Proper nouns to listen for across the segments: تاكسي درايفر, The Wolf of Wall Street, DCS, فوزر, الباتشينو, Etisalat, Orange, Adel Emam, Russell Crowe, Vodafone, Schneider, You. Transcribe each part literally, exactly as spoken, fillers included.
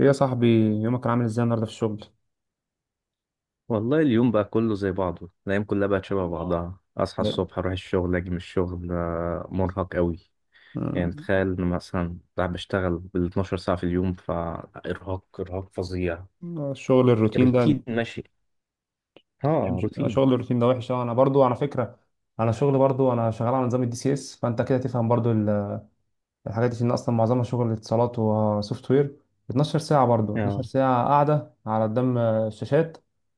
ايه يا صاحبي. يومك كان عامل ازاي النهارده في الشغل؟ والله اليوم بقى كله زي بعضه. الأيام كلها بقت شبه اه بعضها. أصحى ب- الصبح أروح الشغل أجي من الشغل، آه، مرهق أوي. آه، يعني تخيل إن مثلا بقى بشتغل بال اتناشر ساعة في اليوم، فإرهاق إرهاق فظيع. الشغل الروتين ده روتين انت ماشي. اه، فاهم روتين. شغل الروتين ده وحش أوي. انا برضو على فكره، انا شغل برضو انا شغال على نظام الدي سي اس، فانت كده تفهم برضو ال- الحاجات دي ان اصلا معظمها شغل اتصالات وسوفت وير. اتناشر ساعه، برضو اتناشر اه. ساعه قاعده على قدام الشاشات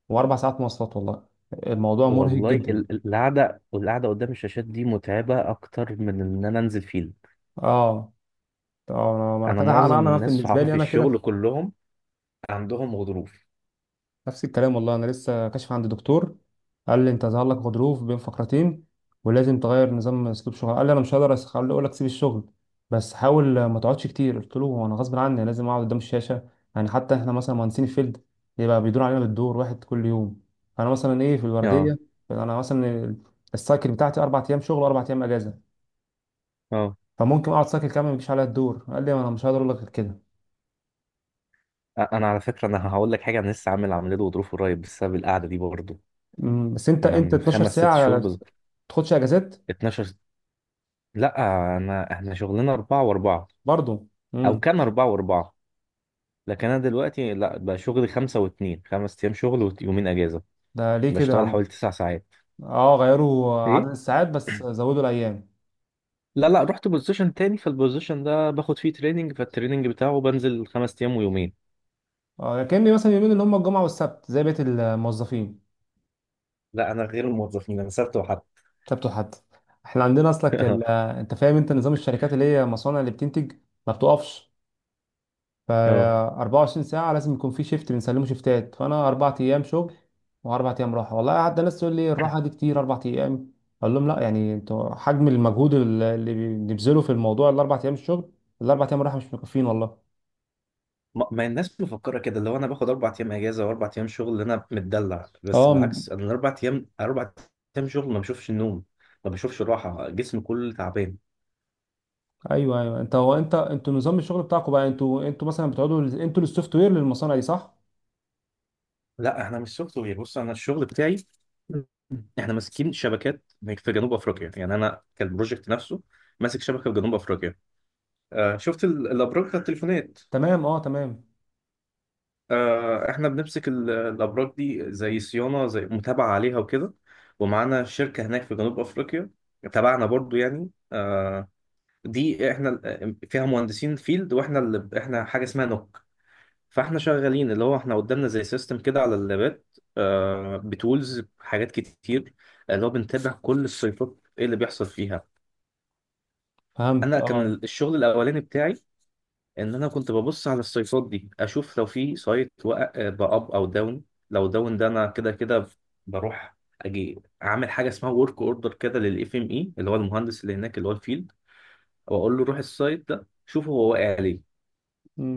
واربع ساعات مواصلات. والله الموضوع مرهق والله ال- جدا. ال- القعدة والقعدة قدام الشاشات دي متعبة أكتر من إن أنا أنزل فيلد. اه، اه، انا أنا أنا كده، انا معظم انا الناس بالنسبه صحابي لي في انا كده. الشغل كلهم عندهم غضروف. نفس الكلام والله. انا لسه كاشف عند دكتور، قال لي انت ظهر لك غضروف بين فقرتين ولازم تغير نظام اسلوب شغل. قال لي انا مش هقدر أس- هقول اقول لك سيب الشغل، بس حاول ما تقعدش كتير. قلت له هو انا غصب عني لازم اقعد قدام الشاشه. يعني حتى احنا مثلا مهندسين الفيلد، يبقى بيدور علينا بالدور واحد كل يوم. فانا مثلا ايه، في اه. الورديه انا مثلا ال- السايكل بتاعتي اربع ايام شغل واربع ايام اجازه، اه. فممكن اقعد سايكل كامل ما يجيش عليا الدور. قال لي انا مش هقدر اقول لك غير كده. أ- أنا على فكرة أنا هقول لك حاجة، أنا لسه عامل عملية غضروف قريب بسبب القعدة دي برضه. أمم، بس انت انا انت من اتناشر خمس ست ساعه شهور ما بز... تاخدش اجازات؟ اتناشر. لا. انا احنا شغلنا اربعة واربعة، برضه او كان اربعة واربعة. لكن انا دلوقتي لا بقى شغلي خمسة واتنين، خمس ايام شغل ويومين اجازة. ده ليه كده بشتغل عم؟ حوالي تسع ساعات. اه، غيروا ايه. عدد الساعات بس زودوا الايام؟ لا لا، رحت بوزيشن تاني، فالبوزيشن ده باخد فيه تريننج، فالتريننج بتاعه بنزل خمس ايام ويومين. اه، كأني مثلا يومين اللي هم الجمعه والسبت زي بقيه الموظفين. لا انا غير الموظفين، انا سبت وحد. سبت وحد. احنا عندنا اصلك ال... انت فاهم انت نظام الشركات اللي هي مصانع اللي بتنتج ما بتقفش، ف اه. اربعه وعشرين ساعه لازم يكون في شيفت بنسلمه شيفتات. فانا اربع ايام شغل واربع ايام راحه. والله قعدت ناس تقول لي الراحه دي كتير اربع ايام، اقول لهم لا، يعني انتوا حجم المجهود اللي اللي بنبذله في الموضوع، الاربع ايام الشغل الاربع ايام راحه مش مكفين والله. ما ما الناس مفكره كده، اللي هو انا باخد اربع ايام اجازه واربع ايام شغل انا متدلع، بس اه. بالعكس انا الاربع ايام، اربع ايام شغل ما بشوفش النوم، ما بشوفش راحه، جسمي كله تعبان. ايوه، ايوه، انت هو انت انتوا نظام الشغل بتاعكم بقى، انتوا انتوا مثلا بتقعدوا انتوا السوفت وير للمصانع دي، صح؟ لا احنا مش سوفت وير، بص انا الشغل بتاعي. احنا ماسكين شبكات في جنوب افريقيا، يعني انا كالبروجكت نفسه ماسك شبكه في جنوب افريقيا. آه، شفت ال- الابراج بتاع التليفونات؟ تمام، اه تمام. آه، احنا بنمسك ال- الابراج دي، زي صيانه زي متابعه عليها وكده، ومعانا شركه هناك في جنوب افريقيا تبعنا برضو، يعني آه، دي احنا ال- آه، فيها مهندسين فيلد، واحنا اللي احنا حاجه اسمها نوك. فاحنا شغالين اللي هو احنا قدامنا زي سيستم كده على اللابات، آه، بتولز حاجات كتير، اللي هو بنتابع كل السيطات ايه اللي بيحصل فيها. فهمت. انا كان الشغل الاولاني بتاعي ان انا كنت ببص على السايتات دي اشوف لو في سايت وقع باب او داون. لو داون ده انا كده كده بروح، اجي اعمل حاجه اسمها ورك اوردر كده للاف ام اي، اللي هو المهندس اللي هناك اللي هو الفيلد، واقول له روح السايت ده شوف هو واقع ليه.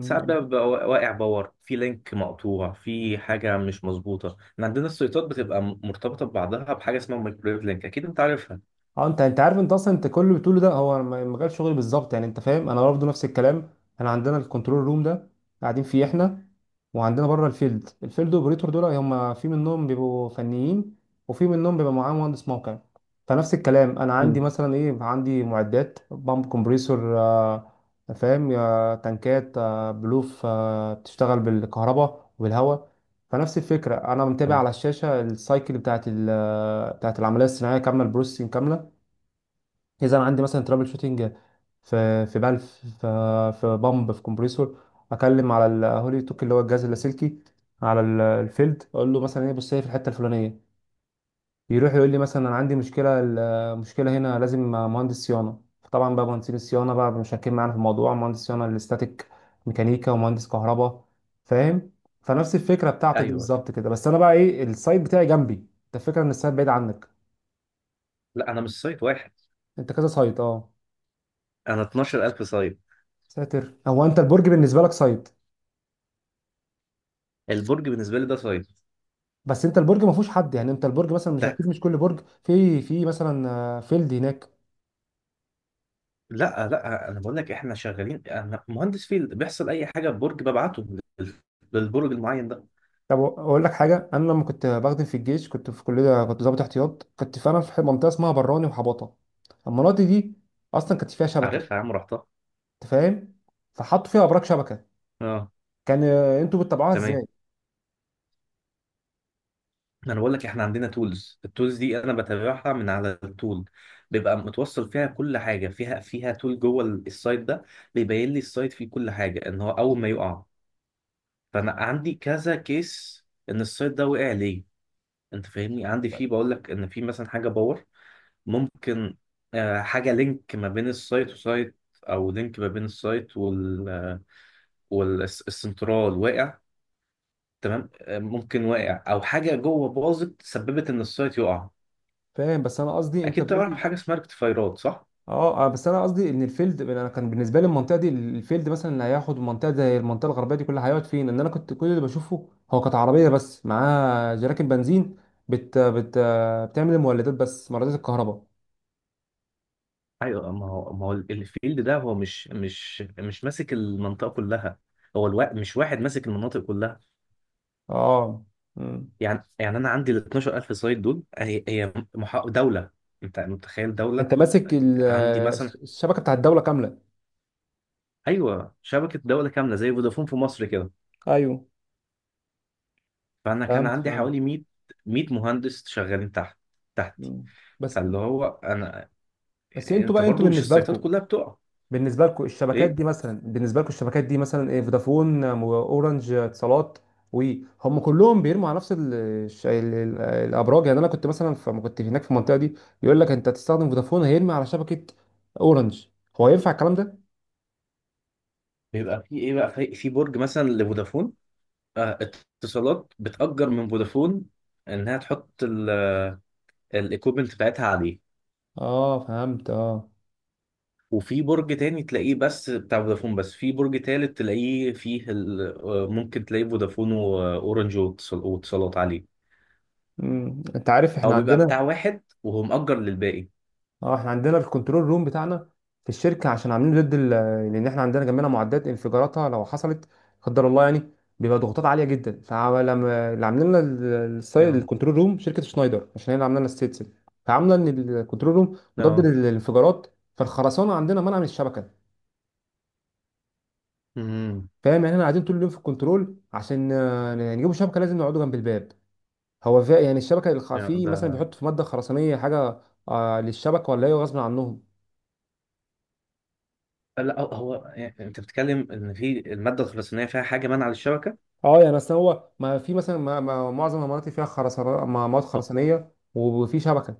ساعات بقى بيبقى واقع باور، في لينك مقطوع، في حاجه مش مظبوطه. إن عندنا السايتات بتبقى مرتبطه ببعضها بحاجه اسمها مايكرويف لينك، اكيد انت عارفها. اه، انت انت عارف، انت اصلا انت كل اللي بتقوله ده هو م- مجال شغلي بالظبط. يعني انت فاهم انا برضه نفس الكلام. احنا عندنا الكنترول روم ده قاعدين فيه احنا، وعندنا بره الفيلد، الفيلد اوبريتور دول هم في منهم بيبقوا فنيين وفي منهم بيبقى معاه مهندس موقع. فنفس الكلام، انا عندي مم. مثلا ايه، عندي معدات بامب، كومبريسور، آه، فاهم، آه، تنكات، آه، بلوف، آه، بتشتغل بالكهرباء وبالهواء. فنفس الفكره، انا متابع تمام. على الشاشه السايكل بتاعت ال- بتاعت العمليه الصناعيه كامله، البروسيسنج كامله. اذا انا عندي مثلا ترابل شوتنج في في بلف، في في بامب، في كومبريسور، اكلم على الهولي توك اللي هو الجهاز اللاسلكي على ال- الفيلد، اقول له مثلا ايه، بص هي في الحته الفلانيه. يروح يقول لي مثلا انا عندي مشكله ال- مشكله هنا لازم مهندس صيانه. طبعا بقى مهندسين الصيانه بقى مشاركين معانا في الموضوع، مهندس صيانه الاستاتيك ميكانيكا ومهندس كهرباء، فاهم؟ فنفس الفكره بتاعتك دي ايوه. بالظبط كده، بس انا بقى ايه، السايت بتاعي جنبي، انت الفكره ان السايت بعيد عنك. لا انا مش سايت واحد، انت كذا سايت، اه. انا اثنا عشر ألف سايت. ساتر. هو انت البرج بالنسبه لك سايت. البرج بالنسبه لي ده سايت. بس انت البرج ما فيهوش حد، يعني انت البرج مثلا مش اكيد، مش كل برج في في مثلا آه، فيلد هناك. لا لا، انا بقول لك احنا شغالين، انا مهندس فيل بيحصل اي حاجه في برج ببعته لل- للبرج المعين ده. طب اقول لك حاجه، انا لما كنت بخدم في الجيش كنت في كليه، كنت ضابط احتياط، كنت فعلا في منطقه اسمها براني وحباطه. المناطق دي اصلا كانت فيها شبكه، عارفها يا عم، رحتها. انت فاهم؟ فحطوا فيها ابراج شبكه، اه، كان آه، انتوا بتتابعوها تمام. ازاي؟ انا بقول لك احنا عندنا تولز، التولز دي انا بتابعها من على التول. بيبقى متوصل فيها كل حاجه، فيها فيها تول جوه ال- السايت ده. بيبين لي السايت فيه كل حاجه، ان هو اول ما يقع فانا عندي كذا كيس ان السايت ده وقع ليه. انت فاهمني، عندي فيه بقول لك ان في مثلا حاجه باور، ممكن آه، حاجة لينك ما بين السايت وسايت، أو لينك ما بين السايت وال والسنترال واقع. تمام، آه، ممكن واقع أو حاجة جوه باظت سببت إن السايت يقع. فاهم، بس انا قصدي انت أكيد بتقول تعرف لي، حاجة اسمها ريكتيفايرات، صح؟ اه آه، بس انا قصدي ان الفيلد، انا كان بالنسبه لي المنطقه دي الفيلد مثلا اللي هياخد منطقه زي المنطقه الغربيه دي كلها هيقعد فين؟ ان انا كنت كل اللي بشوفه هو كانت عربيه بس معاها جراكن بنزين بت بت بتعمل المولدات، بس مولدات الكهرباء. أيوه، ما هو ما هو الفيلد ده هو مش مش مش ماسك المنطقة كلها، هو الوا... مش واحد ماسك المناطق كلها. اه. مم. يعني يعني أنا عندي ال اثنا عشر ألف سايت دول، هي هي محا... دولة، أنت متخيل دولة. انت ماسك ال- عندي مثلا. الشبكه بتاع الدوله كامله؟ ايوه، شبكه دوله كامله زي فودافون في مصر كده. ايوه. فانا كان فهمت، عندي حوالي فهمت. مية ميه مهندس شغالين تحت تحتي. مم. بس فاللي هو انا. بس انتوا انت بقى، انتوا برضو مش بالنسبه السيطات لكم، كلها بتقع. بالنسبه لكم الشبكات ايه. دي مثلا، بالنسبه لكم الشبكات دي مثلا ايه، فودافون، آه، اورنج، آه، اتصالات، وهم كلهم بيرموا على نفس ال الش- ال ال الابراج؟ يعني انا كنت مثلا، فما كنت هناك في المنطقه دي يقول لك انت هتستخدم فودافون هيرمي على شبكه اورنج، هو ينفع الكلام ده؟ بيبقى في ايه بقى، في في برج مثلا لفودافون. آه، اتصالات بتأجر من فودافون انها تحط الايكوبمنت بتاعتها عليه، اه، فهمت، اه. وفي برج تاني تلاقيه بس بتاع فودافون، بس في برج تالت تلاقيه فيه ال- آه، ممكن تلاقيه فودافون واورنج واتصال- واتصالات عليه، مم. انت عارف احنا او بيبقى عندنا، بتاع واحد وهو مأجر للباقي. اه، احنا عندنا الكنترول روم بتاعنا في الشركه عشان عاملينه ضد ال- لان احنا عندنا جنبنا معدات انفجاراتها لو حصلت، قدر الله يعني، بيبقى ضغوطات عاليه جدا. فلما اللي عاملين لنا ال- الساي- يا. الكنترول روم شركه شنايدر، عشان هي اللي عامله لنا الستيتس، فعامله ان الكنترول روم مضاد اه. للانفجارات، فالخرسانه عندنا منع من الشبكه، امم فاهم؟ يعني احنا قاعدين طول اليوم في الكنترول، عشان آه، نجيبوا شبكه لازم نقعدوا جنب الباب. هو فا- يعني الشبكه الخ- يا في مثلا ده. بيحط في ماده خرسانيه حاجه آه، للشبكه، ولا ايه غصب عنهم؟ لا، هو هو- يعني انت بتتكلم ان في الماده الخرسانيه فيها حاجه مانعه للشبكه. اه، يعني اصل هو ما في مثلا، ما ما معظم المناطق فيها خرسانات، مواد هو خرسانيه، وفي شبكه،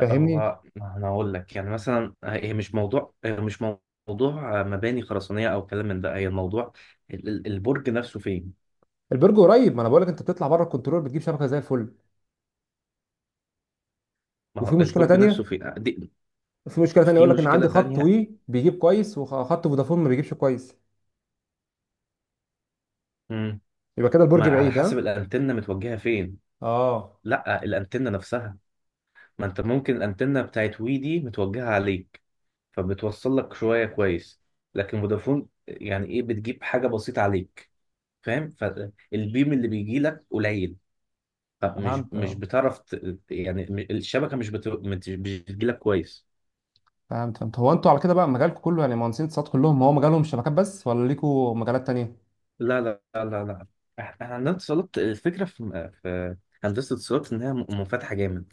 فاهمني؟ هو- انا هقول لك، يعني مثلا هي مش موضوع هي مش موضوع مباني خرسانيه او كلام من ده، هي الموضوع ال- ال- البرج نفسه فين. البرج قريب، ما انا بقول لك انت بتطلع بره الكنترول بتجيب شبكه زي الفل. ما وفي هو مشكله البرج نفسه تانية فين دي. في مشكله تانية، في يقول لك ان مشكله عندي خط تانية. وي بيجيب كويس وخط فودافون ما بيجيبش كويس، امم يبقى كده البرج ما على بعيد، حسب ها؟ الانتنه متوجهه فين. اه، لا الانتنه نفسها، ما انت ممكن الانتنه بتاعت وي دي متوجهه عليك فبتوصل لك شويه كويس، لكن فودافون يعني ايه، بتجيب حاجه بسيطه عليك، فاهم؟ فالبيم اللي بيجي لك قليل، فمش فهمت، مش اه، بتعرف ت- يعني م- الشبكه مش بت... مش بتجي لك كويس. فهمت، فهمت. هو انتوا على كده بقى مجالكم كله يعني مهندسين اتصالات كلهم هو مجالهم شبكات بس، ولا ليكوا مجالات تانية؟ لا لا لا لا لا. احنا عندنا اتصالات، الفكره في في هندسه اتصالات انها م- منفتحه جامد،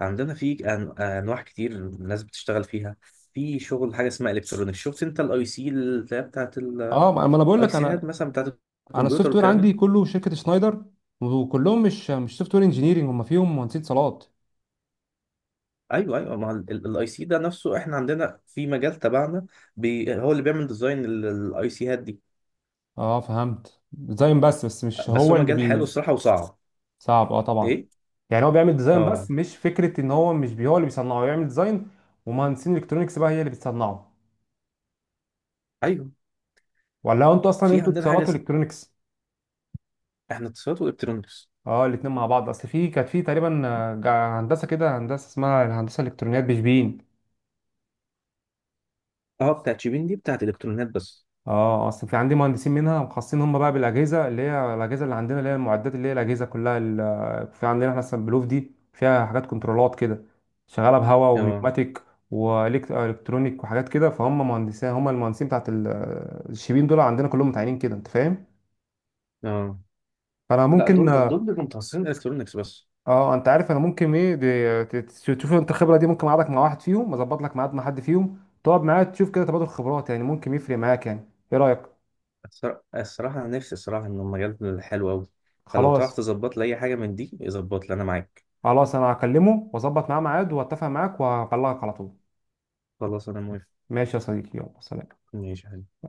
عندنا في أن- انواع كتير الناس بتشتغل فيها. في شغل حاجه اسمها الكترونيك. شفت انت الاي سي اللي هي بتاعت اه، الاي ما ما انا بقول لك، سيهات انا مثلا بتاعت انا الكمبيوتر السوفت وير والكلام ده. عندي كله شركه شنايدر، وكلهم مش مش سوفت وير انجينيرنج، هم فيهم مهندسين اتصالات. ايوه ايوه، ما الاي سي ده نفسه احنا عندنا في مجال تبعنا. بي هو اللي بيعمل ديزاين الاي سي هات دي، اه، فهمت. ديزاين بس بس مش بس هو هو اللي مجال حلو بي. الصراحه وصعب. صعب، اه طبعا. ايه. يعني هو بيعمل ديزاين اه. بس، مش فكره ان هو، مش بي هو اللي بيصنعه، هو يعمل ديزاين ومهندسين الكترونكس بقى هي اللي بتصنعه، ايوه. ولا انتوا اصلا في انتوا عندنا حاجه اتصالات اسمها والكترونكس؟ احنا اتصالات والكترونكس. اه، الاتنين مع بعض. اصل في كانت في تقريبا آه، جا- هندسه كده، هندسه اسمها الهندسه الالكترونيات بشبين. اه، بتاعت شيبين دي بتاعت الكترونيات بس. اه آه، اصل في عندي مهندسين منها مخصصين هم بقى بالاجهزه، اللي هي الاجهزه اللي عندنا، اللي هي المعدات، اللي هي الاجهزه كلها ال- في عندنا احنا مثلا بلوف دي فيها حاجات كنترولات كده، شغاله بهواء اه. ونيوماتيك والكترونيك وحاجات كده، فهم مهندسين هم المهندسين بتاعت ال- الشيبين دول، عندنا كلهم متعينين كده، انت فاهم؟ اه. فانا لا ممكن دول اه، دول بيبقوا متخصصين الكترونكس بس. آه، انت عارف انا ممكن ايه، دي- ت- ت- تشوف انت الخبره دي، ممكن اقعدك مع واحد فيهم، اظبط لك ميعاد مع حد فيهم، تقعد معاه تشوف كده، تبادل خبرات، يعني ممكن يفرق معاك، يعني ايه رايك؟ الصرا- الصراحه انا نفسي، الصراحه ان المجال حلو قوي، فلو تعرف خلاص، تظبط لي اي حاجه من دي ظبط لي انا معاك. خلاص انا هكلمه واظبط معاه ميعاد واتفق معاك وهبلغك على طول. خلاص انا موافق. ماشي يا صديقي، يلا سلام. ماشي يا حبيبي.